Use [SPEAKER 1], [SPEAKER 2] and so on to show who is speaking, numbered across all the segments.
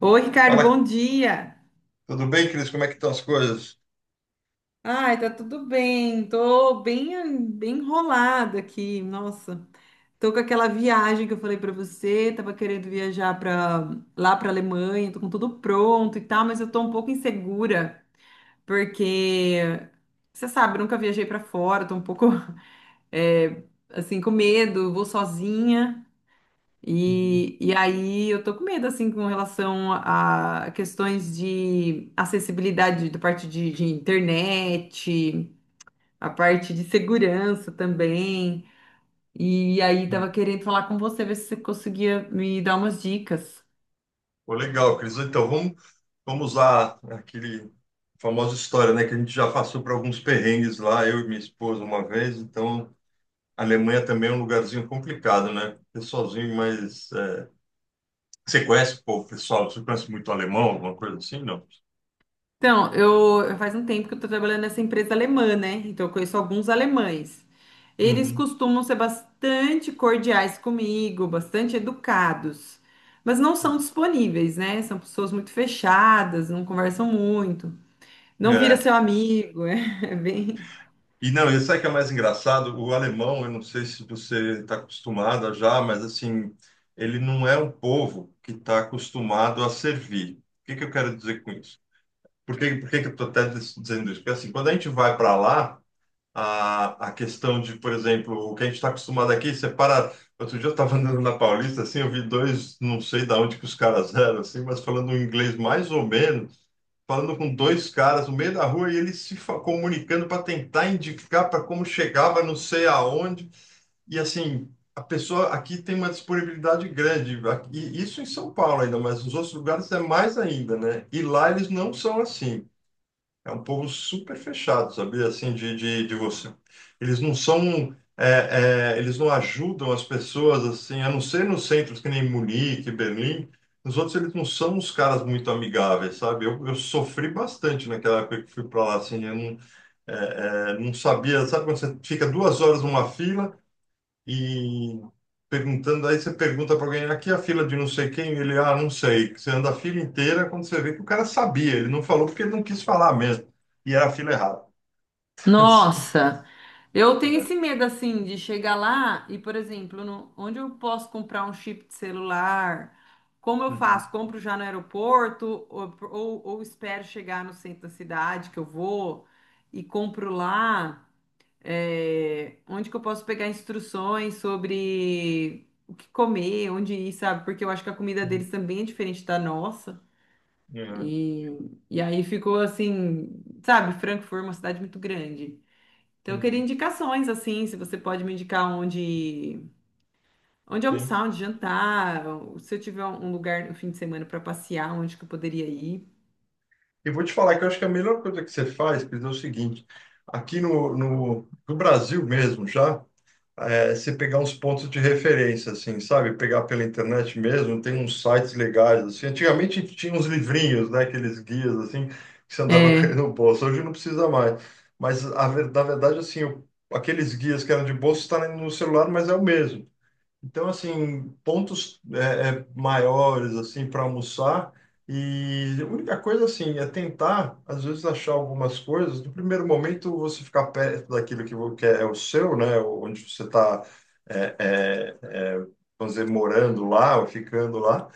[SPEAKER 1] Oi, Ricardo,
[SPEAKER 2] Fala,
[SPEAKER 1] bom dia.
[SPEAKER 2] tudo bem, Cris? Como é que estão as coisas?
[SPEAKER 1] Ai, tá tudo bem. Tô bem enrolada aqui. Nossa, tô com aquela viagem que eu falei pra você. Tava querendo viajar para lá pra Alemanha. Tô com tudo pronto e tal, mas eu tô um pouco insegura porque você sabe, eu nunca viajei pra fora. Tô um pouco é, assim com medo. Vou sozinha.
[SPEAKER 2] Uhum.
[SPEAKER 1] E aí eu tô com medo, assim, com relação a questões de acessibilidade da parte de internet, a parte de segurança também. E aí tava querendo falar com você, ver se você conseguia me dar umas dicas.
[SPEAKER 2] Pô, legal, Cris. Então, vamos usar aquele famosa história, né? Que a gente já passou por alguns perrengues lá, eu e minha esposa uma vez. Então, a Alemanha também é um lugarzinho complicado, né? Porque sozinho, mas... você conhece, pô, pessoal? Você conhece muito alemão, alguma coisa assim, não?
[SPEAKER 1] Então, eu faz um tempo que eu estou trabalhando nessa empresa alemã, né? Então, eu conheço alguns alemães. Eles
[SPEAKER 2] Uhum.
[SPEAKER 1] costumam ser bastante cordiais comigo, bastante educados, mas não são disponíveis, né? São pessoas muito fechadas, não conversam muito, não vira
[SPEAKER 2] É,
[SPEAKER 1] seu amigo, é bem.
[SPEAKER 2] E não, e sabe o que é mais engraçado? O alemão, eu não sei se você está acostumada já, mas assim, ele não é um povo que está acostumado a servir. O que que eu quero dizer com isso? Por que que eu estou até dizendo isso? Porque assim, quando a gente vai para lá, a questão de, por exemplo, o que a gente está acostumado aqui, você para. Outro dia eu estava andando na Paulista, assim, eu vi dois, não sei de onde que os caras eram, assim, mas falando um inglês mais ou menos falando com dois caras no meio da rua e eles se fa- comunicando para tentar indicar para como chegava, não sei aonde. E assim, a pessoa aqui tem uma disponibilidade grande, e isso em São Paulo ainda, mas nos outros lugares é mais ainda, né? E lá eles não são assim. É um povo super fechado, sabia? Assim, de você. Eles não são. Eles não ajudam as pessoas, assim, a não ser nos centros que nem Munique, Berlim. Nos outros, eles não são uns caras muito amigáveis, sabe? Eu sofri bastante naquela época que fui para lá, assim. Eu não, é, é, não sabia. Sabe quando você fica duas horas numa fila? E perguntando, aí você pergunta para alguém, aqui é a fila de não sei quem, e ele, ah, não sei. Você anda a fila inteira quando você vê que o cara sabia, ele não falou porque ele não quis falar mesmo. E era a fila errada. Assim,
[SPEAKER 1] Nossa, eu tenho esse
[SPEAKER 2] é.
[SPEAKER 1] medo assim de chegar lá e, por exemplo, onde eu posso comprar um chip de celular? Como eu
[SPEAKER 2] Uhum.
[SPEAKER 1] faço? Compro já no aeroporto ou, ou espero chegar no centro da cidade que eu vou e compro lá? É, onde que eu posso pegar instruções sobre o que comer, onde ir, sabe? Porque eu acho que a comida deles também é diferente da nossa.
[SPEAKER 2] É.
[SPEAKER 1] E, e aí ficou assim, sabe? Frankfurt é uma cidade muito grande. Então, eu queria
[SPEAKER 2] Uhum.
[SPEAKER 1] indicações, assim, se você pode me indicar onde
[SPEAKER 2] Sim.
[SPEAKER 1] almoçar, onde jantar, ou se eu tiver um lugar no fim de semana para passear, onde que eu poderia ir.
[SPEAKER 2] E vou te falar que eu acho que a melhor coisa que você faz, Pedro, é o seguinte, aqui no Brasil mesmo já, você pegar uns pontos de referência, assim, sabe? Pegar pela internet mesmo, tem uns sites legais, assim. Antigamente tinha uns livrinhos, né? Aqueles guias, assim, que você andava querendo
[SPEAKER 1] É,
[SPEAKER 2] no bolso. Hoje não precisa mais. Mas, na verdade, assim, aqueles guias que eram de bolso está no celular, mas é o mesmo. Então, assim, pontos maiores, assim, para almoçar. E a única coisa, assim, é tentar, às vezes, achar algumas coisas. No primeiro momento, você ficar perto daquilo que, que é o seu, né? Onde você está, é, é, é, vamos dizer, morando lá ou ficando lá.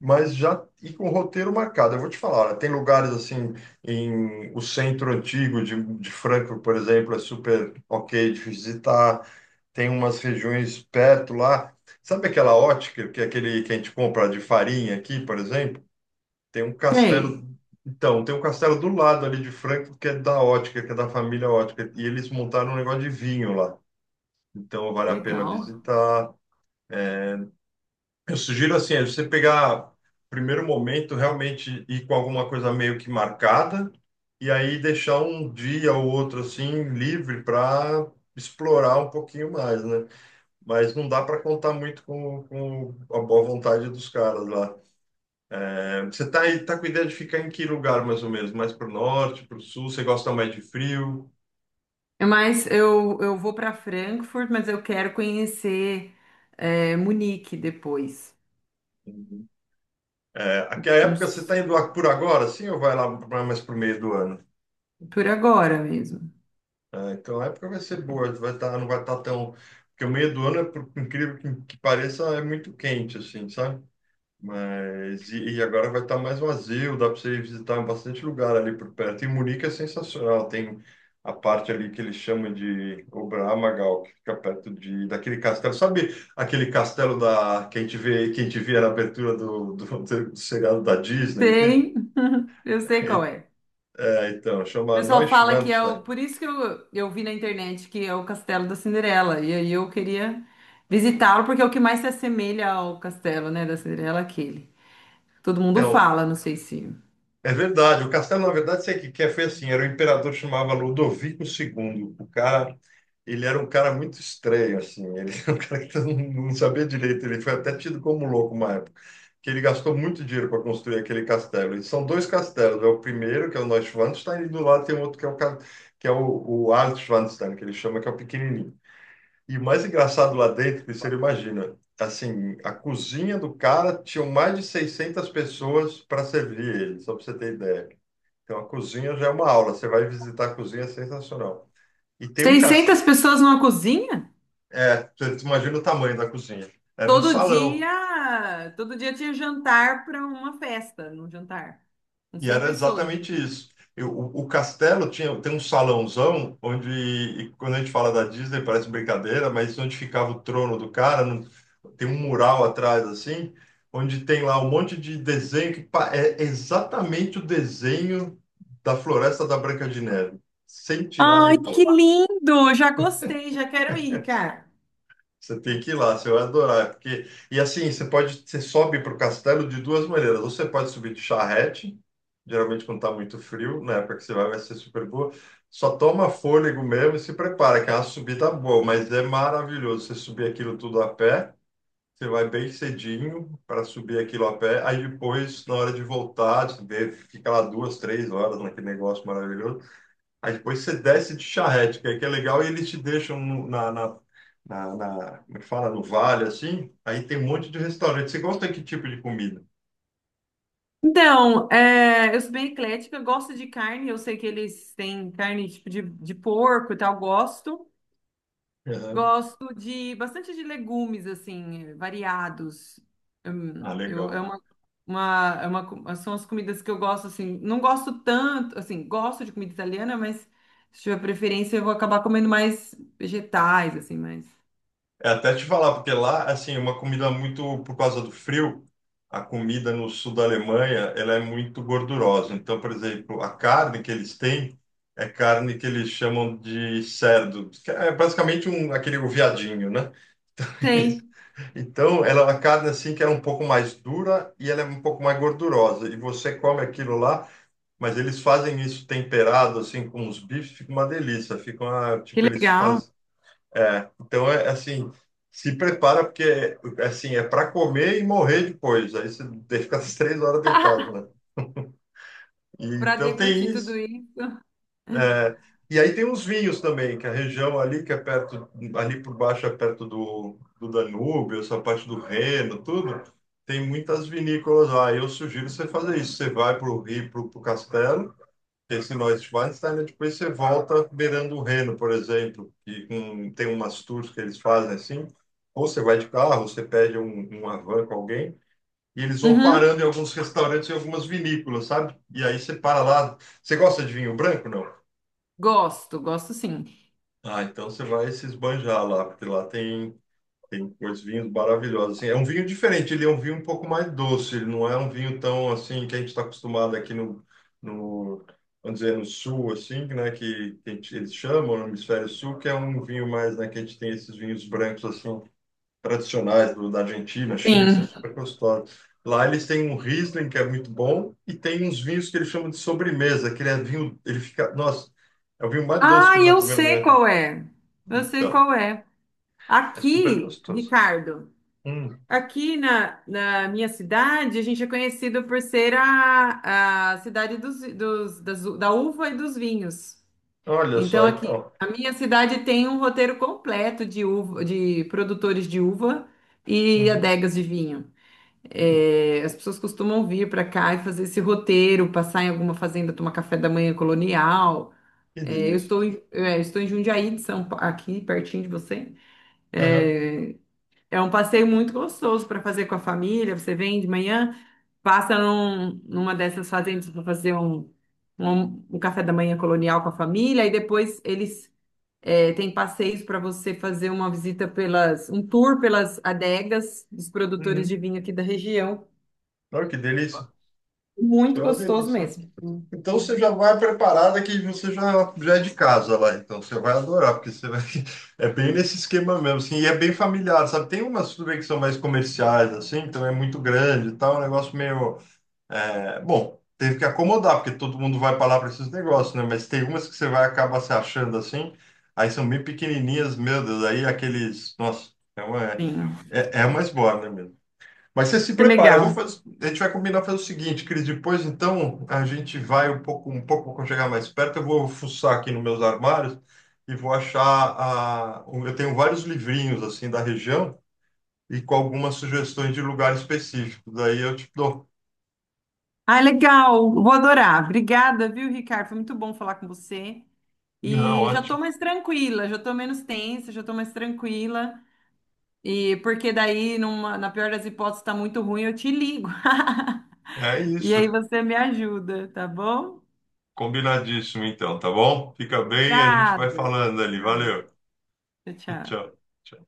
[SPEAKER 2] Mas já ir com o roteiro marcado. Eu vou te falar, olha, tem lugares, assim, em o centro antigo de Franco, por exemplo, é super ok de visitar, tem umas regiões perto lá. Sabe aquela ótica, que é aquele que a gente compra de farinha aqui, por exemplo? Tem um castelo.
[SPEAKER 1] sei,
[SPEAKER 2] Então, tem um castelo do lado ali de Franco, que é da ótica, que é da família ótica. E eles montaram um negócio de vinho lá. Então, vale a pena
[SPEAKER 1] legal.
[SPEAKER 2] visitar. Eu sugiro, assim, é você pegar, primeiro momento, realmente ir com alguma coisa meio que marcada. E aí deixar um dia ou outro, assim, livre para explorar um pouquinho mais, né? Mas não dá para contar muito com a boa vontade dos caras lá. É, você tá aí, tá com ideia de ficar em que lugar mais ou menos? Mais para o norte, para o sul? Você gosta mais de frio?
[SPEAKER 1] É, mas eu vou para Frankfurt, mas eu quero conhecer é, Munique depois.
[SPEAKER 2] Uhum. É, aqui é a época, você
[SPEAKER 1] Nos-
[SPEAKER 2] está indo lá por agora, sim, ou vai lá mais para o meio do ano?
[SPEAKER 1] por agora mesmo.
[SPEAKER 2] É, então a época vai ser boa, vai tá, não vai estar tão. Porque o meio do ano, é, por incrível que pareça, é muito quente, assim, sabe? Mas e agora vai estar mais vazio, dá para você ir visitar bastante lugar ali por perto. E Munique é sensacional, tem a parte ali que eles chamam de Oberammergau, que fica perto de daquele castelo. Sabe aquele castelo da que a gente vê, que a gente via na abertura do seriado da Disney aqui?
[SPEAKER 1] Sei, eu sei qual é.
[SPEAKER 2] É, então,
[SPEAKER 1] O
[SPEAKER 2] chama
[SPEAKER 1] pessoal fala que é
[SPEAKER 2] Neuschwanstein.
[SPEAKER 1] o. Por isso que eu vi na internet que é o Castelo da Cinderela. E aí eu queria visitá-lo, porque é o que mais se assemelha ao castelo, né, da Cinderela, é aquele. Todo mundo
[SPEAKER 2] Então,
[SPEAKER 1] fala, não sei se.
[SPEAKER 2] é verdade. O castelo, na verdade, sei que é? Foi assim. Era o imperador que chamava Ludovico II. O cara, ele era um cara muito estranho, assim. Ele era um cara que não sabia direito. Ele foi até tido como louco uma época, que ele gastou muito dinheiro para construir aquele castelo. E são dois castelos. É o primeiro, que é o Neuschwanstein, e do lado tem outro que é que é o Alt Schwanstein, que ele chama, que é o pequenininho. E o mais engraçado lá dentro, que você não imagina, assim, a cozinha do cara tinha mais de 600 pessoas para servir ele, só para você ter ideia. Então, a cozinha já é uma aula. Você vai visitar a cozinha, é sensacional. E tem um
[SPEAKER 1] 600
[SPEAKER 2] castelo.
[SPEAKER 1] pessoas numa cozinha?
[SPEAKER 2] É, você imagina o tamanho da cozinha. Era um
[SPEAKER 1] Todo
[SPEAKER 2] salão.
[SPEAKER 1] dia. Todo dia tinha jantar para uma festa, num jantar. Com
[SPEAKER 2] E
[SPEAKER 1] 100
[SPEAKER 2] era
[SPEAKER 1] pessoas. No
[SPEAKER 2] exatamente
[SPEAKER 1] jantar.
[SPEAKER 2] isso. O castelo tinha, tem um salãozão onde, e quando a gente fala da Disney, parece brincadeira, mas onde ficava o trono do cara, tem um mural atrás, assim, onde tem lá um monte de desenho é exatamente o desenho da floresta da Branca de Neve, sem tirar
[SPEAKER 1] Ai,
[SPEAKER 2] nem pôr.
[SPEAKER 1] que lindo! Já gostei, já quero ir, cara.
[SPEAKER 2] Você tem que ir lá, você vai adorar. Porque... E assim, você pode, você sobe para o castelo de duas maneiras. Ou você pode subir de charrete, geralmente quando está muito frio, na época que você vai, vai ser super boa. Só toma fôlego mesmo e se prepara, que é uma subida boa, mas é maravilhoso. Você subir aquilo tudo a pé, você vai bem cedinho para subir aquilo a pé. Aí depois, na hora de voltar, você vê, fica lá duas, três horas naquele negócio maravilhoso. Aí depois você desce de charrete, que é legal, e eles te deixam como é que fala, no vale, assim. Aí tem um monte de restaurante. Você gosta de que tipo de comida?
[SPEAKER 1] Então, é, eu sou bem eclética, eu gosto de carne, eu sei que eles têm carne tipo de porco e tal, gosto.
[SPEAKER 2] Aham.
[SPEAKER 1] Gosto de bastante de legumes, assim, variados.
[SPEAKER 2] Ah,
[SPEAKER 1] Eu, é
[SPEAKER 2] legal.
[SPEAKER 1] uma, é uma são as comidas que eu gosto, assim, não gosto tanto, assim, gosto de comida italiana, mas se tiver preferência eu vou acabar comendo mais vegetais, assim, mas...
[SPEAKER 2] É até te falar, porque lá, assim, é uma comida muito, por causa do frio, a comida no sul da Alemanha, ela é muito gordurosa. Então, por exemplo, a carne que eles têm é carne que eles chamam de cerdo, que é basicamente um, aquele o viadinho, né?
[SPEAKER 1] Sei,
[SPEAKER 2] Então, ela, a carne assim que ela é um pouco mais dura e ela é um pouco mais gordurosa. E você come aquilo lá, mas eles fazem isso temperado assim com os bifes, fica uma delícia. Fica uma,
[SPEAKER 1] que
[SPEAKER 2] tipo eles
[SPEAKER 1] legal,
[SPEAKER 2] fazem. Então é assim, se prepara porque assim é para comer e morrer depois. Aí você fica as três horas deitado, né? E,
[SPEAKER 1] para
[SPEAKER 2] então tem
[SPEAKER 1] deglutir tudo
[SPEAKER 2] isso.
[SPEAKER 1] isso.
[SPEAKER 2] E aí tem uns vinhos também, que a região ali que é perto, ali por baixo é perto do Danúbio, essa parte do Reno, tudo, tem muitas vinícolas lá. Eu sugiro você fazer isso. Você vai para o Rio, para o Castelo, esse Neuschwanstein, e depois você volta beirando o Reno, por exemplo, que tem umas tours que eles fazem assim. Ou você vai de carro, ou você pede uma van com alguém, e eles vão parando
[SPEAKER 1] Uhum,
[SPEAKER 2] em alguns restaurantes e algumas vinícolas, sabe? E aí você para lá. Você gosta de vinho branco, não?
[SPEAKER 1] gosto, gosto sim.
[SPEAKER 2] Ah, então você vai se esbanjar lá, porque lá tem, tem coisas vinhos maravilhosos. Assim, é um vinho diferente, ele é um vinho um pouco mais doce, ele não é um vinho tão assim que a gente está acostumado aqui no, vamos dizer, no sul, assim, né, que eles chamam no hemisfério sul, que é um vinho mais, né, que a gente tem esses vinhos brancos assim tradicionais da Argentina, Chile, que são
[SPEAKER 1] Sim.
[SPEAKER 2] super gostosos. Lá eles têm um Riesling que é muito bom e tem uns vinhos que eles chamam de sobremesa, que ele é vinho, ele fica, nossa, é o vinho mais doce
[SPEAKER 1] Ah,
[SPEAKER 2] que eu já
[SPEAKER 1] eu
[SPEAKER 2] tomei na
[SPEAKER 1] sei
[SPEAKER 2] minha vida.
[SPEAKER 1] qual é. Eu sei
[SPEAKER 2] Então,
[SPEAKER 1] qual é.
[SPEAKER 2] é super
[SPEAKER 1] Aqui,
[SPEAKER 2] gostoso.
[SPEAKER 1] Ricardo,
[SPEAKER 2] Hum,
[SPEAKER 1] aqui na, na minha cidade, a gente é conhecido por ser a cidade das da uva e dos vinhos.
[SPEAKER 2] olha
[SPEAKER 1] Então,
[SPEAKER 2] só,
[SPEAKER 1] aqui,
[SPEAKER 2] então.
[SPEAKER 1] a minha cidade tem um roteiro completo de uva, de produtores de uva e
[SPEAKER 2] Uhum.
[SPEAKER 1] adegas de vinho. É, as pessoas costumam vir para cá e fazer esse roteiro, passar em alguma fazenda, tomar café da manhã colonial.
[SPEAKER 2] Que
[SPEAKER 1] É, eu
[SPEAKER 2] delícia.
[SPEAKER 1] estou em, é, eu estou em Jundiaí, de aqui pertinho de você.
[SPEAKER 2] Aham.
[SPEAKER 1] É, é um passeio muito gostoso para fazer com a família. Você vem de manhã, passa numa dessas fazendas para fazer um, um, um café da manhã colonial com a família, e depois eles é, têm passeios para você fazer uma visita pelas, um tour pelas adegas dos produtores de
[SPEAKER 2] Uhum.
[SPEAKER 1] vinho aqui da região.
[SPEAKER 2] Olha que delícia. Isso
[SPEAKER 1] Muito
[SPEAKER 2] é uma
[SPEAKER 1] gostoso
[SPEAKER 2] delícia.
[SPEAKER 1] mesmo.
[SPEAKER 2] Então você já vai preparada que você já é de casa lá, então você vai adorar, porque você vai... é bem nesse esquema mesmo, assim, e é bem familiar, sabe? Tem umas tudo bem que são mais comerciais, assim, então é muito grande e tal, é um negócio meio. É, bom, teve que acomodar, porque todo mundo vai para lá para esses negócios, né? Mas tem umas que você vai acabar se achando assim, aí são bem pequenininhas, meu Deus, aí aqueles. Nossa,
[SPEAKER 1] Sim,
[SPEAKER 2] é uma esbórnia mesmo. Mas você se
[SPEAKER 1] que
[SPEAKER 2] prepara, eu vou
[SPEAKER 1] legal.
[SPEAKER 2] fazer, a gente vai combinar fazer o seguinte, Cris, depois então a gente vai um pouco quando chegar mais perto, eu vou fuçar aqui nos meus armários e vou achar eu tenho vários livrinhos assim da região e com algumas sugestões de lugares específicos. Daí eu te dou.
[SPEAKER 1] Ah, legal, vou adorar. Obrigada, viu, Ricardo? Foi muito bom falar com você.
[SPEAKER 2] Não,
[SPEAKER 1] E já
[SPEAKER 2] ótimo.
[SPEAKER 1] tô mais tranquila, já tô menos tensa, já tô mais tranquila. E porque daí, na pior das hipóteses, tá muito ruim, eu te ligo.
[SPEAKER 2] É
[SPEAKER 1] E aí
[SPEAKER 2] isso.
[SPEAKER 1] você me ajuda, tá bom?
[SPEAKER 2] Combinadíssimo, então, tá bom? Fica bem e a gente vai
[SPEAKER 1] Obrigada.
[SPEAKER 2] falando
[SPEAKER 1] Até
[SPEAKER 2] ali.
[SPEAKER 1] mais.
[SPEAKER 2] Valeu.
[SPEAKER 1] Tchau, tchau.
[SPEAKER 2] Tchau. Tchau.